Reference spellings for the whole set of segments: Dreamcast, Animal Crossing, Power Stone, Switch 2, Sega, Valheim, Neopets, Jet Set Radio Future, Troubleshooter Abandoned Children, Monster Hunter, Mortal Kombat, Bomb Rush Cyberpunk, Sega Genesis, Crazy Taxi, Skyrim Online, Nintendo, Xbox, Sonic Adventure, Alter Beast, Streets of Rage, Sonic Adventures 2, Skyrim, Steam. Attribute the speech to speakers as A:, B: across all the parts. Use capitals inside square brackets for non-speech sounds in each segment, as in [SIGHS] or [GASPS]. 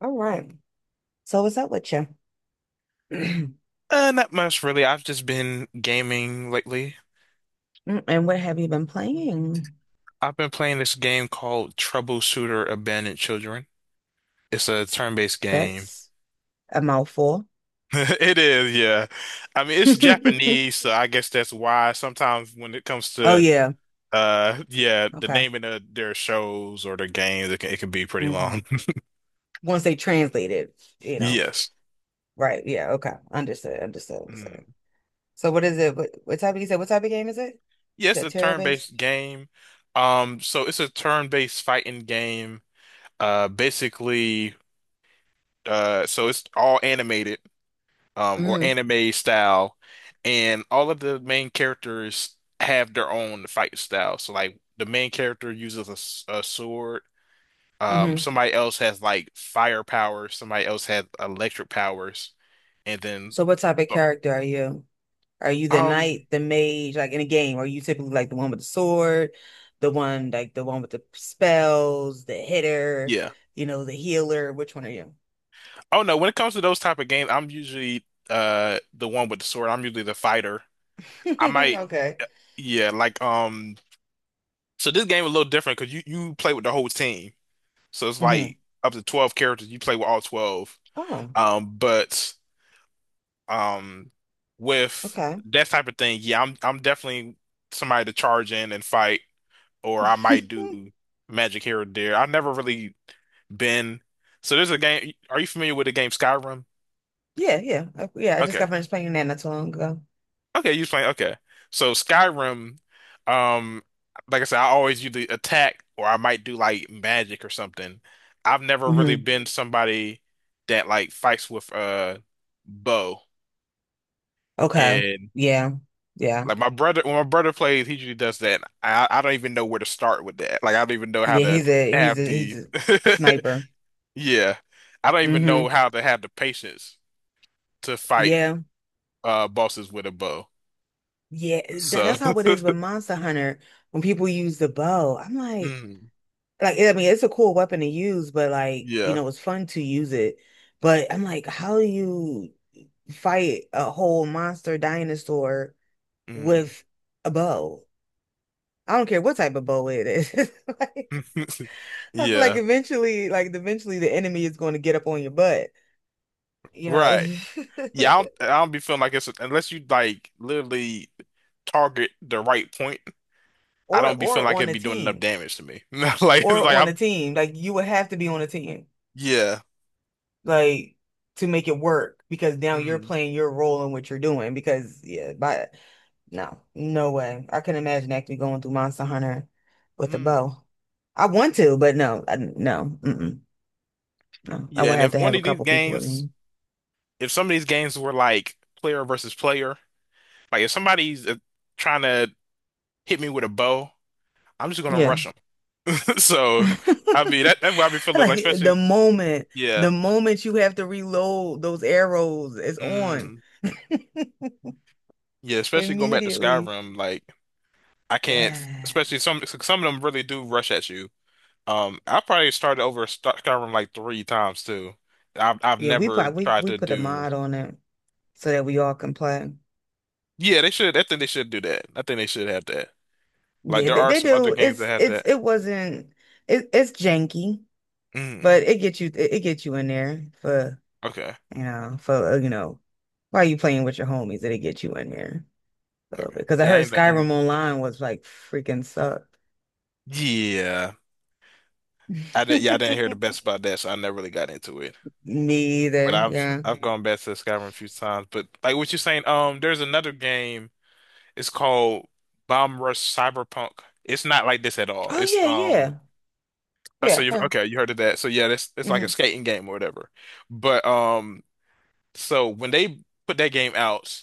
A: All right. So what's up with you? [CLEARS THROAT]
B: Not much really. I've just been gaming lately.
A: And what have you been playing?
B: I've been playing this game called Troubleshooter Abandoned Children. It's a turn-based game.
A: That's a mouthful.
B: [LAUGHS] It is, yeah. I mean, it's
A: [LAUGHS]
B: Japanese, so I guess that's why sometimes when it comes
A: Oh
B: to
A: yeah.
B: yeah, the
A: Okay.
B: naming of their shows or their games, it can be pretty long.
A: hmm
B: [LAUGHS]
A: Once they translate it, you know.
B: Yes.
A: Right. Yeah. Okay. Understood. Understood. Understood.
B: Mm.
A: So what is it? What type of you said? What type of game is it? Is
B: Yes,
A: that
B: a
A: terror based?
B: turn-based game. So it's a turn-based fighting game. Basically, so it's all animated, or
A: Mm-hmm.
B: anime style, and all of the main characters have their own fight style. So like the main character uses a sword.
A: hmm
B: Somebody else has like fire powers. Somebody else has electric powers, and then
A: So what type of character are you? Are you the
B: um,
A: knight, the mage, like in a game? Are you typically like the one with the sword, the one like the one with the spells, the hitter,
B: yeah.
A: the healer? Which one are you?
B: Oh no, when it comes to those type of games, I'm usually the one with the sword. I'm usually the fighter. I might,
A: [LAUGHS] Okay.
B: yeah, like. So this game is a little different because you play with the whole team. So it's
A: hmm
B: like up to 12 characters. You play with all 12.
A: Oh,
B: Um, but um, with
A: okay.
B: that type of thing, yeah, I'm definitely somebody to charge in and fight, or I might
A: [LAUGHS]
B: do magic here or there. I've never really been. So there's a game. Are you familiar with the game Skyrim?
A: Yeah, yeah. Yeah, I just
B: Okay.
A: got finished playing that not too long ago.
B: Okay, you playing. Okay, so Skyrim, um, like I said, I always do the attack, or I might do like magic or something. I've never really
A: hmm
B: been somebody that like fights with bow,
A: Okay.
B: and
A: Yeah. Yeah.
B: like my brother, when my brother plays, he usually does that. I don't even know where to start with that. Like I don't even know how
A: Yeah,
B: to
A: he's a he's
B: have
A: a he's
B: the
A: a sniper.
B: [LAUGHS] yeah, I don't even know
A: hmm
B: how to have the patience to fight
A: Yeah.
B: bosses with a bow.
A: Yeah. That,
B: So
A: that's
B: [LAUGHS]
A: how it is with Monster Hunter when people use the bow. I'm
B: mm,
A: like I mean it's a cool weapon to use, but like,
B: yeah.
A: it's fun to use it. But I'm like, how do you fight a whole monster dinosaur
B: Mm.
A: with a bow? I don't care what type of bow it is. [LAUGHS] Like,
B: [LAUGHS]
A: I feel
B: Yeah,
A: like eventually the enemy is going to get up on your butt, you know.
B: right. Yeah, I don't,
A: [LAUGHS]
B: I don't be feeling like it's unless you like literally target the right point. I don't be feeling
A: Or
B: like
A: on
B: it'd
A: a
B: be doing enough
A: team.
B: damage to me. [LAUGHS] Like it's
A: Or
B: like
A: on a
B: I'm
A: team. Like you would have to be on a team.
B: yeah.
A: Like to make it work because now you're
B: Mhm.
A: playing your role in what you're doing because yeah, by no, no way. I couldn't imagine actually going through Monster Hunter with a
B: Mhm.
A: bow. I want to, but no, I, no, mm-mm, no. I
B: Yeah,
A: would
B: and
A: have
B: if
A: to
B: one
A: have a
B: of these
A: couple people with
B: games,
A: me.
B: if some of these games were like player versus player, like if somebody's trying to hit me with a bow, I'm just gonna
A: Yeah.
B: rush them. [LAUGHS] So I mean that's
A: [LAUGHS]
B: what I be feeling
A: Like
B: like, especially
A: the moment, the
B: yeah,
A: moment you have to reload those arrows is on
B: mm,
A: [LAUGHS]
B: yeah, especially going back to
A: immediately.
B: Skyrim, like. I can't,
A: Yeah.
B: especially some of them really do rush at you. I probably started over Skyrim like three times too. I've
A: Yeah, we
B: never
A: probably we,
B: tried
A: we
B: to
A: put a
B: do.
A: mod on it, so that we all can play.
B: Yeah, they should. I think they should do that. I think they should have that. Like
A: Yeah,
B: there
A: they,
B: are
A: they
B: some other
A: do.
B: games that
A: It's
B: have
A: it's
B: that.
A: it wasn't it's janky,
B: Mm,
A: but it gets you it gets you in there for
B: okay,
A: you know for uh, you know while you playing with your homies, it'll get you in there a little bit.
B: okay.
A: Because I
B: Yeah, I
A: heard
B: ain't. I
A: Skyrim
B: ain't.
A: Online was like freaking suck.
B: Yeah,
A: [LAUGHS]
B: I
A: Me
B: didn't. Yeah, I didn't hear the best about that, so I never really got into it. But
A: either.
B: I've
A: Yeah.
B: I've gone back to Skyrim a few times. But like what you're saying, there's another game. It's called Bomb Rush Cyberpunk. It's not like this at all.
A: Oh
B: It's
A: yeah, yeah,
B: so
A: yeah,
B: you
A: yeah.
B: okay, you heard of that. So yeah, that's it's like a
A: hmm
B: skating game or whatever. But so when they put that game out,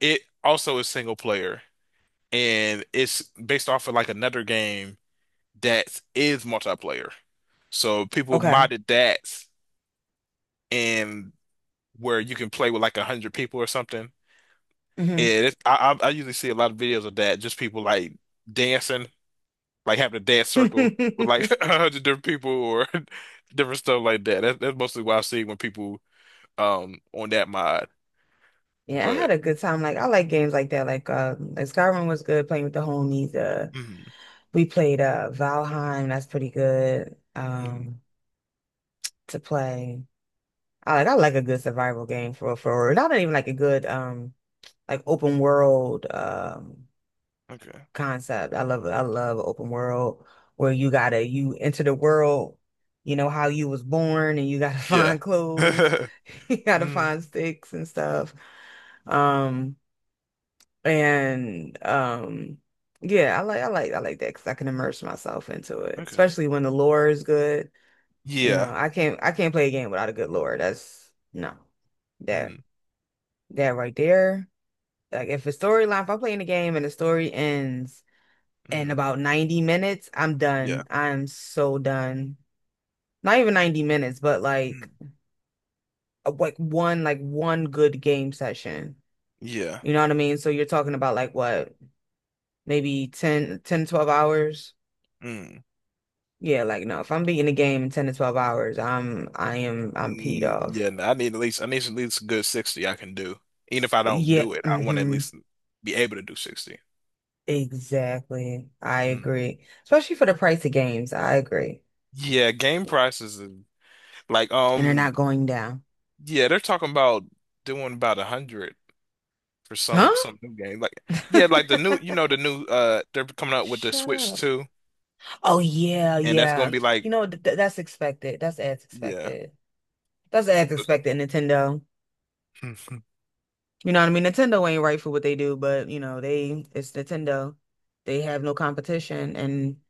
B: it also is single player and it's based off of like another game that is multiplayer. So people
A: Okay.
B: modded that and where you can play with like 100 people or something.
A: hmm
B: And I usually see a lot of videos of that, just people like dancing like having a dance circle with
A: [LAUGHS]
B: like [LAUGHS] 100 different people or [LAUGHS] different stuff like that. That's mostly what I've seen when people on that mod.
A: Yeah, I had
B: But
A: a good time. Like I like games like that. Like Skyrim was good playing with the homies.
B: mm,
A: We played Valheim, that's pretty good
B: mm,
A: to play. I like a good survival game for not even like a good like open world
B: okay,
A: concept. I love open world where you enter the world, you know how you was born and you gotta [LAUGHS]
B: yeah,
A: find
B: [LAUGHS]
A: clothes,
B: mm,
A: [LAUGHS] you gotta find sticks and stuff. Um and yeah, I like that because I can immerse myself into it,
B: okay,
A: especially when the lore is good. You know,
B: yeah,
A: I can't play a game without a good lore. That's no. That
B: mm,
A: that right there. Like if a storyline, if I'm playing a game and the story ends in
B: mm,
A: about 90 minutes, I'm
B: yeah,
A: done. I'm so done. Not even 90 minutes, but
B: mm,
A: like one good game session.
B: yeah,
A: You know what I mean? So you're talking about like what, maybe 12 hours?
B: mm,
A: Yeah, like no, if I'm beating a game in 10 to 12 hours, I am I'm peed
B: mm, yeah.
A: off.
B: No, I need at least a good 60 I can do. Even if I don't
A: Yeah,
B: do it, I want to at least be able to do 60.
A: exactly. I
B: Mm.
A: agree. Especially for the price of games. I agree.
B: Yeah, game prices and like
A: And they're not going down.
B: yeah, they're talking about doing about 100 for
A: Huh?
B: some new game. Like yeah, like the new you
A: [LAUGHS]
B: know the new they're coming out with the
A: Shut
B: Switch
A: up.
B: 2
A: Oh yeah,
B: and that's gonna
A: yeah.
B: be
A: You
B: like
A: know that's expected. That's as
B: yeah.
A: expected. That's as expected, Nintendo.
B: [LAUGHS]
A: You know what I mean? Nintendo ain't right for what they do, but you know, they it's Nintendo. They have no competition and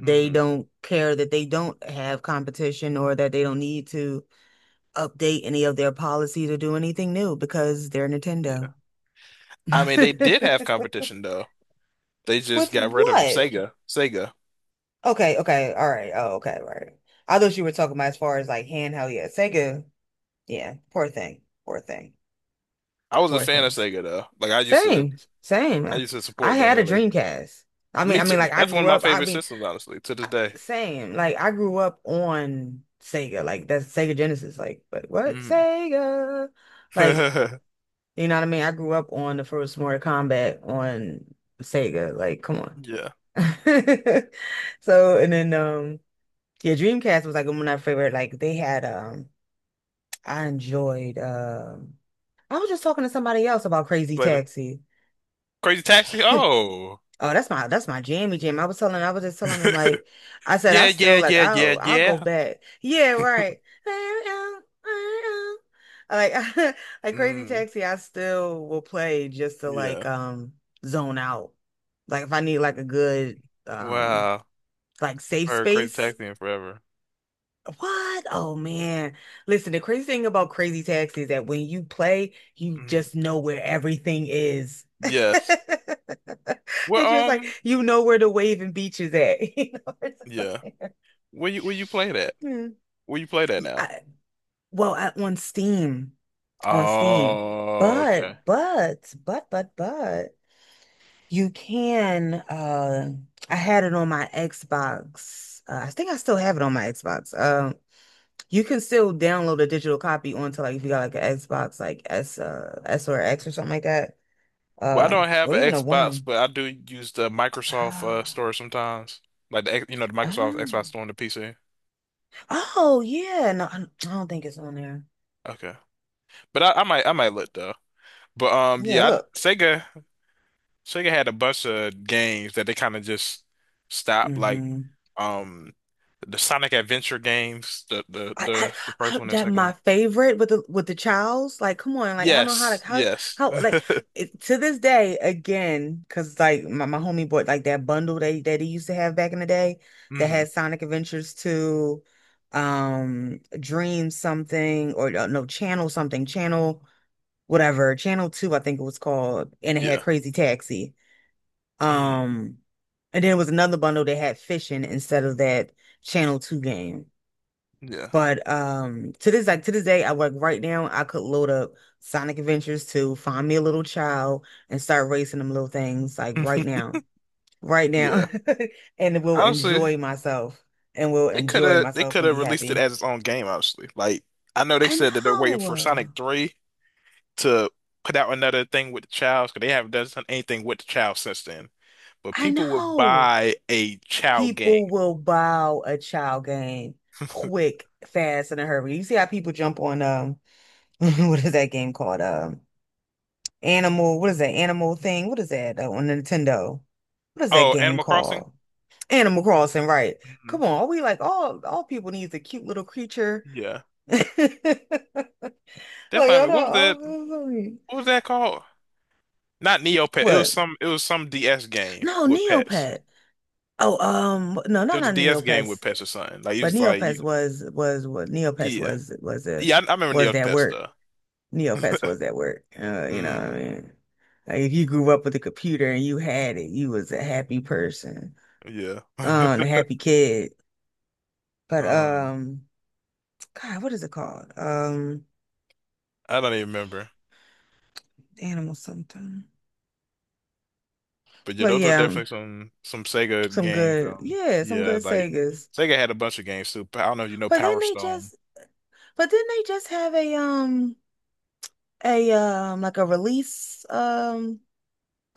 A: they don't care that they don't have competition or that they don't need to update any of their policies or do anything new because they're
B: yeah.
A: Nintendo.
B: I mean
A: [LAUGHS]
B: they did have competition though. They just
A: With
B: got rid of them.
A: what?
B: Sega. Sega.
A: Okay, okay, all right. Oh, okay, right. I thought you were talking about as far as like handheld. Yeah, Sega. Yeah, poor thing. Poor thing.
B: I was a
A: Poor
B: fan of
A: things.
B: Sega though. Like I used to
A: Same, same.
B: I used to
A: I
B: support them
A: had a
B: really.
A: Dreamcast.
B: Me too.
A: Like I
B: That's one of
A: grew
B: my
A: up.
B: favorite systems, honestly, to this
A: I,
B: day.
A: same. Like I grew up on Sega. Like that's Sega Genesis. Like, but what
B: Mm.
A: Sega? Like,
B: [LAUGHS]
A: you know what I mean? I grew up on the first Mortal Kombat on Sega. Like, come on.
B: Yeah.
A: [LAUGHS] So and then yeah, Dreamcast was like one of my favorite. Like they had I enjoyed um I was just talking to somebody else about Crazy
B: Later.
A: Taxi.
B: Crazy Taxi?
A: [LAUGHS]
B: Oh.
A: Oh, that's my jammy jam. I was just telling him like
B: [LAUGHS]
A: I said
B: Yeah,
A: I
B: yeah,
A: still like
B: yeah, yeah,
A: I'll
B: yeah.
A: go back. Yeah, right. Like [LAUGHS] like Crazy
B: Mm,
A: Taxi, I still will play just to like
B: yeah.
A: zone out. Like if I need like a good
B: Wow.
A: like safe
B: Or Crazy
A: space.
B: Taxi in Forever.
A: What? Oh man. Listen, the crazy thing about Crazy Taxi is that when you play, you
B: Mm.
A: just know where everything is.
B: Yes.
A: [LAUGHS]
B: Well,
A: It's just like you know where the waving beach is at. [LAUGHS] You know, it's just up
B: yeah.
A: there.
B: Where you play that?
A: Hmm.
B: Where you play that now?
A: I, on Steam, on Steam.
B: Oh,
A: But,
B: okay.
A: but, but, but, but, you can. I had it on my Xbox. I think I still have it on my Xbox. You can still download a digital copy onto like if you got like an Xbox like S or X or something like that.
B: Well, I
A: Uh,
B: don't have
A: or
B: an
A: even a
B: Xbox,
A: one.
B: but I do use the
A: [GASPS]
B: Microsoft
A: Ah,
B: store sometimes, like the the Microsoft Xbox store on the PC.
A: ah. Oh yeah, no, I don't think it's on there.
B: Okay, but I might look though. But
A: Yeah,
B: yeah, I,
A: look.
B: Sega. Sega had a bunch of games that they kind of just stopped, like
A: hmm
B: um the Sonic Adventure games, the the
A: I, I,
B: the, the first
A: I
B: one and
A: that
B: second
A: my
B: one.
A: favorite with the child's like come on like I don't know how to
B: Yes,
A: how
B: yes.
A: how like
B: [LAUGHS]
A: it, to this day again because like my homie bought like that bundle they that he used to have back in the day that
B: Hmm,
A: had Sonic Adventures 2 Dream something or no Channel something Channel whatever Channel 2 I think it was called and it had
B: yeah.
A: Crazy Taxi
B: Hmm,
A: um and then it was another bundle that had fishing instead of that Channel 2 game
B: yeah.
A: but to this like to this day, I work right now. I could load up Sonic Adventures to find me a little child and start racing them little things like right
B: [LAUGHS]
A: now. Right
B: Yeah.
A: now. [LAUGHS] And will
B: Honestly,
A: enjoy myself and will
B: they could
A: enjoy
B: have they
A: myself
B: could
A: and
B: have
A: be
B: released it
A: happy.
B: as its own game, honestly. Like I know they
A: I
B: said that they're waiting for Sonic
A: know.
B: 3 to put out another thing with the Childs, because they haven't done anything with the Child since then. But
A: I
B: people would
A: know.
B: buy a Child game.
A: People will buy a child game quick, fast, in a hurry. You see how people jump on [LAUGHS] what is that game called? Animal. What is that animal thing? What is that on Nintendo? What is that
B: Oh,
A: game
B: Animal Crossing?
A: called? Animal Crossing, right?
B: Mhm.
A: Come on, are we like all people needs a cute little creature?
B: Yeah.
A: [LAUGHS]
B: That
A: Like,
B: might be,
A: hold
B: what was that
A: on,
B: what was that called? Not Neopet. It was
A: what?
B: some it was some DS game
A: No,
B: with pets.
A: Neopet. Oh, no,
B: There was a
A: not
B: DS game with
A: Neopets,
B: pets or something. Like it
A: but
B: was like you,
A: Neopets
B: yeah.
A: was a
B: Yeah, I remember
A: was that
B: Neopets
A: word.
B: though.
A: Neopets
B: [LAUGHS]
A: was that word. You know what I
B: Mm,
A: mean? Like if you grew up with a computer and you had it, you was a happy person.
B: yeah.
A: The
B: [LAUGHS]
A: happy kid. But
B: Um,
A: God, what is it called?
B: I don't even remember.
A: Animal something.
B: But yeah,
A: But
B: those are definitely some Sega games. Um,
A: yeah, some
B: yeah,
A: good
B: like
A: Segas.
B: Sega had a bunch of games too. I don't know if you know
A: But then
B: Power
A: they
B: Stone.
A: just, but then they just have a a um, like a release um,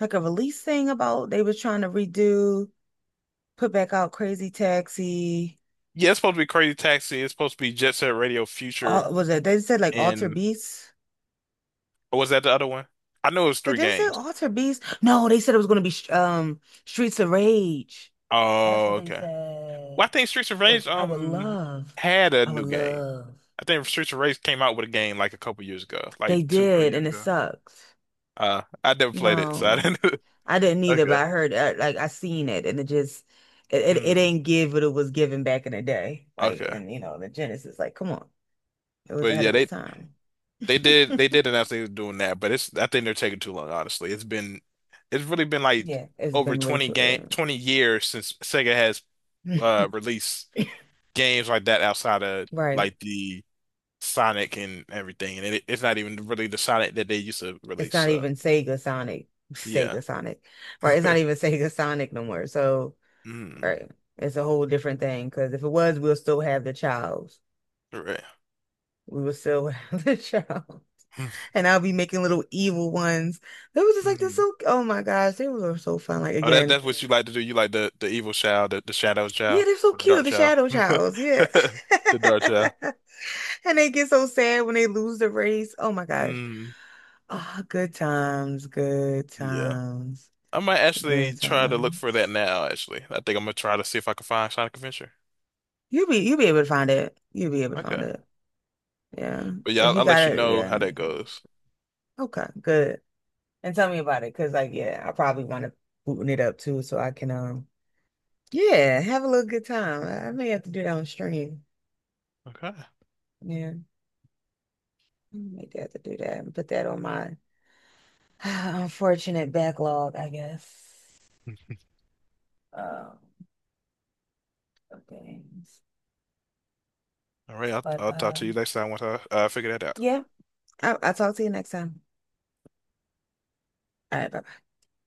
A: like a release thing about they was trying to redo, put back out Crazy Taxi.
B: Yeah, it's supposed to be Crazy Taxi. It's supposed to be Jet Set Radio Future,
A: All was it? They said like Alter
B: and
A: beats.
B: or was that the other one? I know it was
A: Did
B: three
A: they say
B: games.
A: Alter Beast? No, they said it was going to be Streets of Rage. That's what
B: Oh,
A: they
B: okay. Well, I
A: said,
B: think Streets of Rage
A: which I would love.
B: had a
A: I would
B: new game.
A: love.
B: I think Streets of Rage came out with a game like a couple years ago, like
A: They
B: two, three
A: did,
B: years
A: and it
B: ago.
A: sucks.
B: I never played it, so I
A: No,
B: didn't. [LAUGHS]
A: I didn't either, but
B: Okay.
A: I heard like I seen it, and it just it
B: Mm,
A: ain't give what it was given back in the day. Like,
B: okay.
A: and you know, the Genesis, like, come on, it was
B: But
A: ahead
B: yeah,
A: of its
B: they
A: time.
B: they
A: [LAUGHS]
B: did they did announce they were doing that, but it's I think they're taking too long, honestly. It's really been like
A: Yeah, it's
B: over
A: been way too
B: 20 years since Sega has
A: early.
B: released games like that outside of
A: [LAUGHS] Right.
B: like the Sonic and everything, and it's not even really the Sonic that they used to
A: it's
B: release.
A: not
B: So
A: even Sega Sonic,
B: yeah,
A: Sega Sonic, right? It's not
B: [LAUGHS]
A: even Sega Sonic no more. So,
B: mm,
A: right, it's a whole different thing because if it was, we'll still have the child.
B: right.
A: We will still [LAUGHS] have the child,
B: [LAUGHS]
A: and I'll be making little evil ones. They were just like they're
B: Mm.
A: so. Oh my gosh, they were so fun. Like
B: Oh, that
A: again,
B: that's what you like to do. You like the evil child, the shadow
A: yeah,
B: child,
A: they're so
B: or the
A: cute.
B: dark
A: The
B: child,
A: shadow
B: [LAUGHS]
A: childs, yeah.
B: the dark child.
A: [LAUGHS] And they get so sad when they lose the race. Oh my gosh.
B: Mm,
A: Ah, oh, good times, good
B: yeah,
A: times,
B: I might
A: good
B: actually try to look for that
A: times.
B: now. Actually, I think I'm gonna try to see if I can find Sonic Adventure.
A: You'll be able to find it. You'll be able to
B: Okay,
A: find it. Yeah.
B: but yeah,
A: If
B: I'll,
A: you
B: I'll
A: got
B: let you
A: it,
B: know how
A: yeah.
B: that goes.
A: Okay, good. And tell me about it, because like, yeah, I probably want to booting it up too, so I can yeah, have a little good time. I may have to do that on stream.
B: Okay.
A: Yeah. I may have to do that and put that on my [SIGHS] unfortunate backlog, I guess.
B: [LAUGHS]
A: Um, of things.
B: All right, I'll,
A: But
B: I'll talk to you next time once I figure that out.
A: yeah, I'll talk to you next time. All right, bye.